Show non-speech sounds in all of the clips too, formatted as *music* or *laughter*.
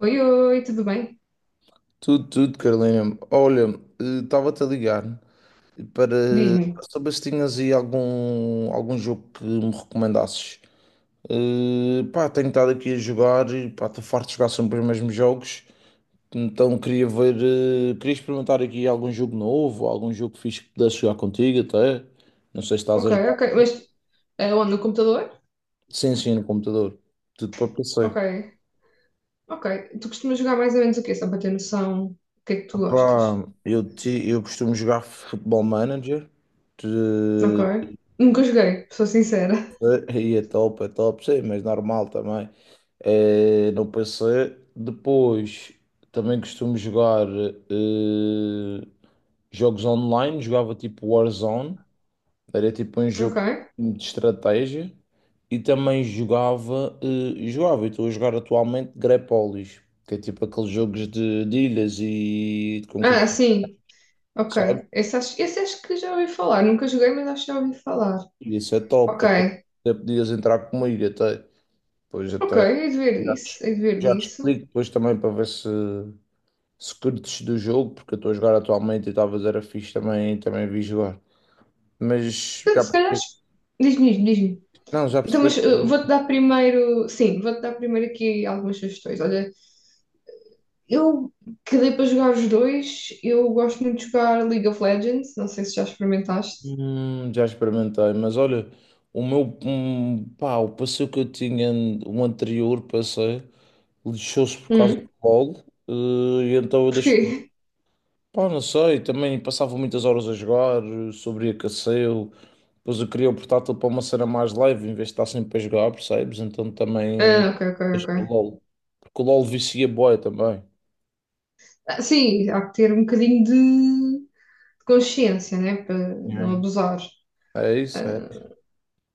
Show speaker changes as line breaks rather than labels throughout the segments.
Oi, oi, tudo bem?
Tudo, tudo, Carolina. Olha, estava-te a ligar para
Diz-me.
saber se tinhas aí algum jogo que me recomendasses. Pá, tenho estado aqui a jogar e pá, estou farto de jogar sempre os mesmos jogos. Então queria ver, queria experimentar aqui algum jogo novo, algum jogo fixe que pudesse jogar contigo até. Não sei se estás
Ok,
a jogar.
ok, mas é onde? No computador?
Sim, sim, no computador. Tudo para
Ok,
PC.
ok. Tu costumas jogar mais ou menos o quê? Só para ter noção do que é que
Ah,
tu gostas.
pá, eu costumo jogar Football Manager.
Ok. Nunca joguei, sou sincera.
E é top, sim, mas normal também. É, no PC. Depois também costumo jogar eh, jogos online. Jogava tipo Warzone, era tipo um jogo
Ok.
de estratégia. E também jogava, e estou a jogar atualmente Grepolis, que é tipo aqueles jogos de ilhas e de
Ah,
conquista,
sim.
sabe?
Ok. Esse acho que já ouvi falar. Nunca joguei, mas acho que já ouvi falar.
E isso é top,
Ok.
até, até podias entrar comigo até. Pois
Ok,
até.
hei de ver
Já
isso,
te,
hei de ver
já te
disso.
explico depois também para ver se, se curtes do jogo, porque eu estou a jogar atualmente e talvez era fixe também, também vi jogar. Mas
Se
já
se calhar,
percebi-
diz-me, diz-me, diz-me.
não, já
Então, mas
percebeste algum?
vou-te dar primeiro, sim, vou-te dar primeiro aqui algumas sugestões. Olha, eu que para jogar os dois, eu gosto muito de jogar League of Legends, não sei se já experimentaste.
Já experimentei, mas olha, o meu pá, o passeio que eu tinha, o anterior passeio, lixou-se por causa
Hum.
do gol, eh, e então eu
Porquê?
deixei. Pá, não sei, também passava muitas horas a jogar, sobreaqueceu, depois eu queria o portátil para uma cena mais leve, em vez de estar sempre a jogar, percebes? Então também
Ah, ok, ok,
deixei o
ok.
LOL, porque o LOL vicia bué também.
Ah, sim, há que ter um bocadinho de consciência, né? Para não abusar.
É. É isso, é.
Ah,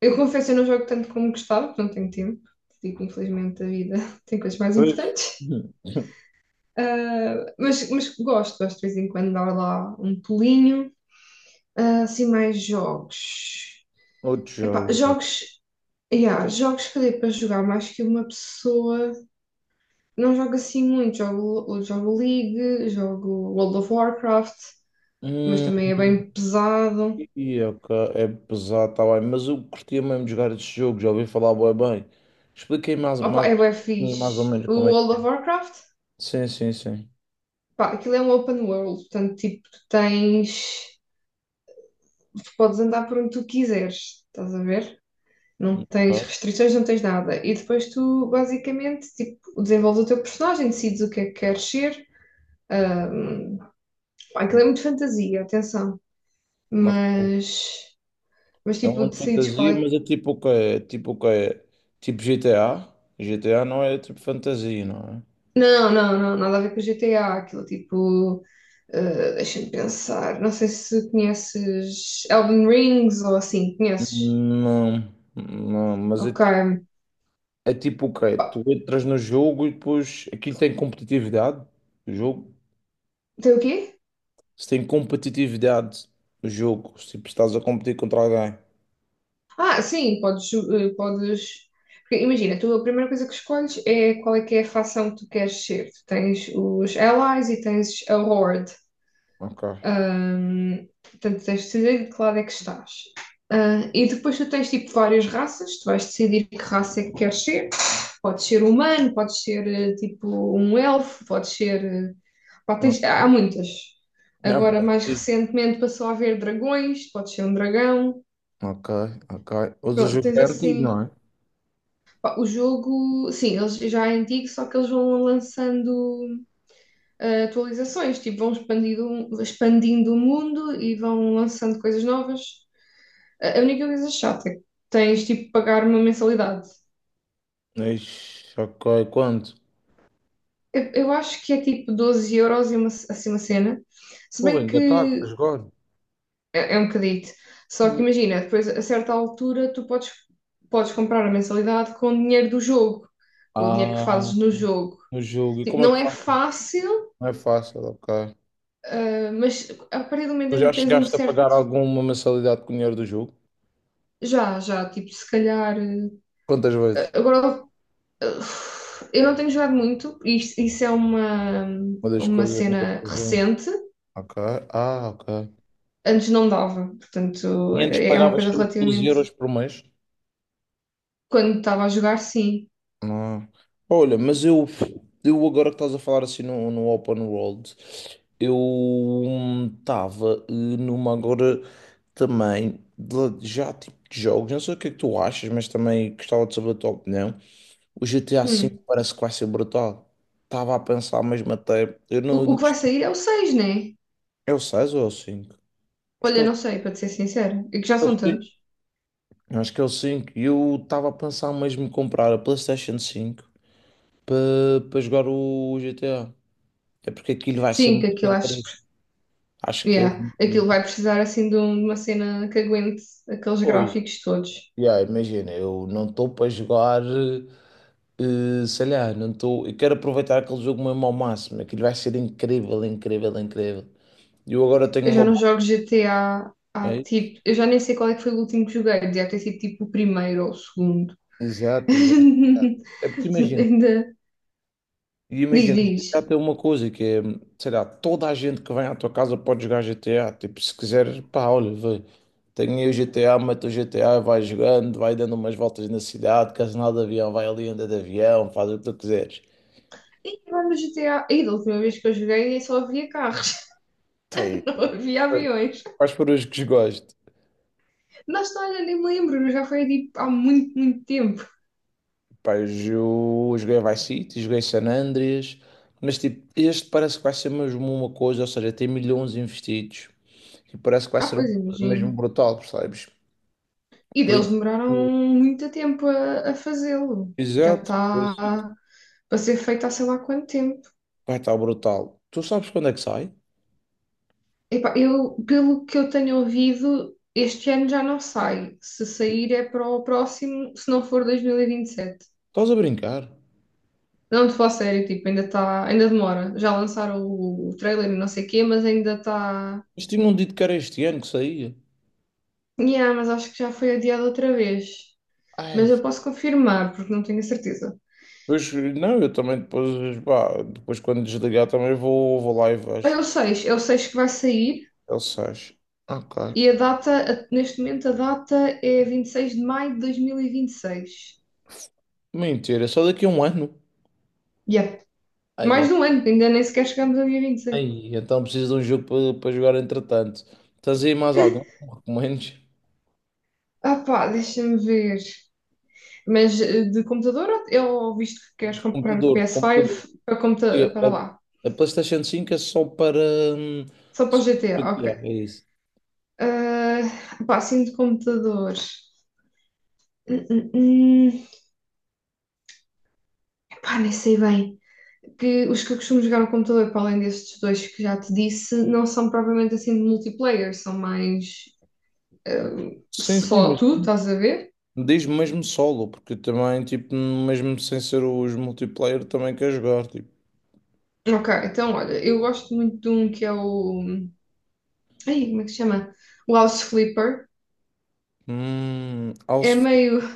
eu confesso, eu não jogo tanto como gostava, porque não tenho tempo. Digo, infelizmente, a vida *laughs* tem coisas mais
Pois. *laughs*
importantes.
Hum,
Ah, mas gosto de vez em quando dar lá um pulinho. Ah, assim, mais jogos.
outros
Epá,
jogos.
jogos. Yeah, jogos que dê para jogar mais que uma pessoa. Não jogo assim muito. Jogo League, jogo World of Warcraft, mas
Hum,
também é bem pesado.
e, ok, é pesado, tá bem, mas eu curtia mesmo de jogar este jogo, já ouvi falar bué bem. Expliquei
Opa, é bem
mais ou
fixe.
menos
O
como é que...
World of Warcraft,
Sim, sim, sim.
pá, aquilo é um open world, portanto, tipo, tu tens. Tu podes andar por onde tu quiseres, estás a ver? Não tens
Ok.
restrições, não tens nada. E depois tu, basicamente, tipo, desenvolves o teu personagem, decides o que é que queres ser. Ah, pá, aquilo é muito fantasia, atenção.
Ok.
mas, mas
É um
tipo,
mundo de
decides qual
fantasia,
é que.
mas é tipo o que é? Tipo o que é? Tipo GTA? GTA não é tipo fantasia, não é?
Não, não, não, nada a ver com o GTA, aquilo tipo. Deixa-me pensar, não sei se conheces Elden Rings ou assim, conheces?
Não, não, mas
Ok.
é tipo o quê? Tu
Pá,
entras no jogo e depois aquilo tem competitividade, o jogo.
tem o quê?
Se tem competitividade, o jogo, se tipo, estás a competir contra alguém.
Ah, sim, podes. Porque imagina, tu a primeira coisa que escolhes é qual é que é a facção que tu queres ser. Tu tens os Allies e tens a Horde.
Ok.
Portanto, tens de decidir de que lado é que estás. Ah, e depois tu tens tipo várias raças, tu vais decidir que raça é que queres ser. Podes ser humano, podes ser tipo um elfo, podes ser. Pá, há
Ok.
muitas.
É,
Agora,
pá,
mais
sim.
recentemente, passou a haver dragões, podes ser um dragão.
Ok, ok. Mas o
Pronto, tens
é antigo,
assim.
não é?
Pá, o jogo, sim, eles já é antigo, só que eles vão lançando atualizações, tipo, vão expandindo o mundo e vão lançando coisas novas. A única coisa chata é que tens tipo de pagar uma mensalidade.
Ixi, ok, quanto?
Eu acho que é tipo 12 euros e uma, assim, uma cena. Se
Porra,
bem
ainda está a
que
jogar.
é um bocadito. Só que imagina, depois a certa altura tu podes comprar a mensalidade com o dinheiro do jogo, com o dinheiro que
Ah.
fazes no jogo.
No jogo. E
Tipo,
como é
não
que
é
faz?
fácil,
Não é fácil, ok.
mas a partir do momento
Tu
em
já
que tens um
chegaste a pagar
certo.
alguma mensalidade com o dinheiro do jogo?
Já, já, tipo, se calhar.
Quantas vezes?
Agora eu não tenho jogado muito, isso é uma,
Uma das
uma
coisas, uma das
cena
razões.
recente.
Ok. Ah, ok.
Antes não dava, portanto,
E antes
é uma
pagavas
coisa
sempre 12
relativamente.
euros por mês?
Quando estava a jogar, sim.
Não. Olha, mas eu agora que estás a falar assim no Open World, eu estava numa agora também de- já tipo de jogos. Não sei o que é que tu achas, mas também gostava de saber a tua opinião. O GTA V
Hum.
parece que vai ser brutal. Estava a pensar mesmo até. Eu não,
O
não-
que vai sair é o 6, né?
é o 6 ou é o cinco? Acho que
Olha,
é o
não sei, para te ser sincera, é que já
é o
são tantos.
5. Acho que é o cinco. E eu estava a pensar mesmo em comprar a PlayStation 5 para jogar o GTA. É porque aquilo vai ser
Sim, que
muito
aquilo acho.
incrível. Acho que eu.
Yeah, aquilo vai precisar assim de uma cena que aguente aqueles
Pois,
gráficos todos.
yeah, imagina, eu não estou para jogar, sei lá, não estou. Eu quero aproveitar aquele jogo mesmo ao máximo. Aquilo vai ser incrível, incrível, incrível. E eu agora tenho
Eu já
uma.
não jogo GTA há tipo. Eu já nem sei qual é que foi o último que joguei, devia ter sido tipo o primeiro ou o segundo.
Exato, exato, exato.
*laughs*
É porque imagina,
Ainda.
e
Diz,
imagina, GTA
diz.
tem uma coisa que é, sei lá, toda a gente que vem à tua casa pode jogar GTA. Tipo, se quiser, pá, olha, vê, tem aí o GTA, mete o GTA, vai jogando, vai dando umas voltas na cidade, queres andar de avião, vai ali anda de avião, faz o que tu quiseres.
E agora no G T A. E da última vez que eu joguei só havia carros,
Tem,
*laughs* não havia aviões.
quais foram os que gosto?
Na história nem me lembro, já foi tipo há muito, muito tempo.
Pá, joguei Vice City, joguei San Andreas, mas tipo, este parece que vai ser mesmo uma coisa, ou seja, tem milhões investidos e parece que vai
Ah,
ser uma
pois
coisa mesmo
imagino.
brutal, percebes?
E
Por
deles
isso
demoraram
que-
muito tempo a fazê-lo. Já
Exato, por isso que
está para ser feito há sei lá quanto tempo.
vai estar brutal. Tu sabes quando é que sai?
Epá, eu, pelo que eu tenho ouvido, este ano já não sai. Se sair é para o próximo, se não for 2027.
Estás a brincar?
Não, de falar sério, tipo, ainda está, ainda demora. Já lançaram o trailer e não sei o quê, mas ainda está.
Mas tinham dito que era este ano que saía.
Yeah, mas acho que já foi adiado outra vez. Mas
Ai,
eu posso confirmar, porque não tenho a certeza.
pois não, eu também depois, pá, depois quando desligar também vou, vou lá e
Ah, É
vejo.
o 6, é o 6 que vai sair
Ele sais. Ok.
e a data, neste momento a data é 26 de maio de 2026.
Mentira, só daqui a um ano.
Yeah.
Ai,
Mais
en-
de um ano, ainda nem sequer chegamos ao dia 26.
ai, então preciso de um jogo para para jogar entretanto. Tens aí mais algum que recomendes?
Ah pá, deixa-me ver. Mas de computador ou eu visto que queres comprar o
Computador, de computador.
PS5 para,
E
computa para lá?
A, a PlayStation 5 é só para. hum,
Só para o
só para
GTA, ok.
GTA, é isso.
Ah, pá, assim de computador. Hum, hum, hum. Pá, nem sei bem. Que os que eu costumo jogar no computador, para além destes dois que já te disse, não são propriamente assim de multiplayer, são mais
Sim, sim,
só
mas
tu, estás a ver?
diz mesmo solo, porque também, tipo, mesmo sem ser os multiplayer, também quer jogar, tipo,
Ok, então olha, eu gosto muito de um que é o. Ai, como é que se chama? O House Flipper. É
House
meio.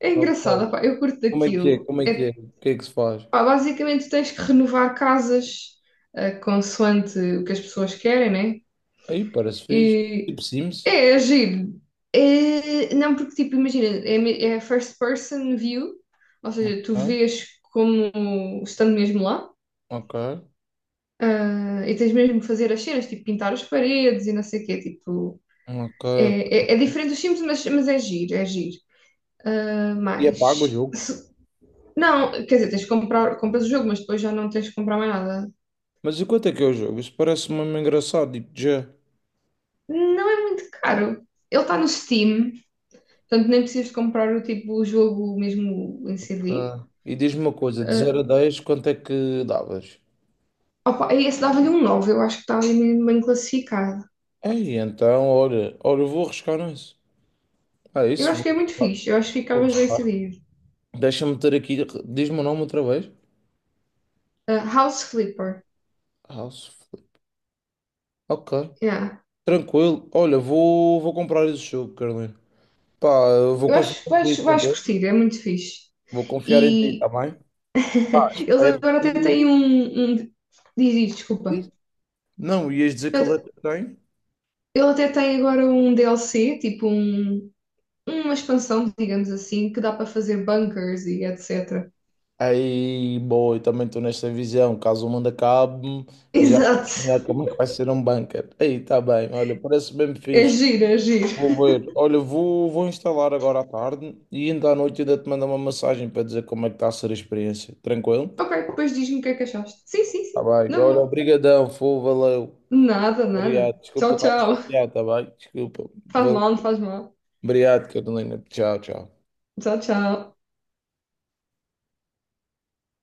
É
of-
engraçado,
ok,
pá, eu curto daquilo.
como é que é,
É,
o que é que se faz?
pá, basicamente tens que renovar casas, consoante o que as pessoas querem, né?
Aí parece fixe,
E
tipo Sims,
é giro. É, não, porque, tipo, imagina, é first person view, ou seja, tu
ok,
vês como estando mesmo lá,
ok,
e tens mesmo que fazer as cenas, tipo, pintar as paredes e não sei o quê, tipo,
ok,
é, é
ok.
diferente dos Sims, mas, é giro, é giro. Ah,
E é pago o
mas,
jogo.
não, quer dizer, tens que comprar, compras o jogo, mas depois já não tens que comprar mais nada.
Mas enquanto é que é o jogo? Isso parece mesmo engraçado, tipo, já.
Não é muito caro. Ele está no Steam, portanto nem precisas de comprar o tipo, o jogo mesmo em CD.
Ok. E diz-me uma coisa, de
Ah,
0 a 10 quanto é que davas?
opa, esse dava-lhe um 9, eu acho que está ali mesmo bem classificado.
Ei, então, olha, olha, eu vou arriscar nisso. Ah,
Eu
isso,
acho
vou
que é muito
arriscar.
fixe, eu acho que
Vou
ficavas bem
arriscar.
servido.
Deixa-me ter aqui. Diz-me o nome outra vez.
Ah, House Flipper,
House. Flip. Ok.
yeah.
Tranquilo. Olha, vou comprar esse jogo, Carolina. Pá, eu vou
Eu
confiar
acho que
em
vais,
ti,
vais
tranquilo.
curtir, é muito fixe.
Vou confiar em ti, tá
E
bem?
eles
Espero
agora até têm
que.
um. Diz isto, desculpa.
Diz. Não, ias dizer que ele é
Eu-
que tem.
Ele até tem agora um DLC, tipo uma expansão, digamos assim, que dá para fazer bunkers e etc.
Aí, boa, eu também estou nesta visão. Caso o mundo acabe,
*laughs*
eu já vou
Exato.
planear como é que vai ser um bunker. Aí, tá bem. Olha, parece bem
É
fixe.
giro, é giro.
Vou ver. Olha, vou instalar agora à tarde e ainda à noite ainda te mando uma mensagem para dizer como é que está a ser a experiência. Tranquilo?
Ok, depois diz-me o que é que achaste. Sim, sim, sim.
Tá bem.
Na
Olha,
boa.
obrigadão, foi, valeu.
Nada, nada.
Obrigado. Desculpa
Tchau,
estar
tchau.
chateado, tá bem? Desculpa.
Faz
Valeu.
mal, não faz mal.
Obrigado, Carolina. Tchau, tchau.
Tchau, tchau.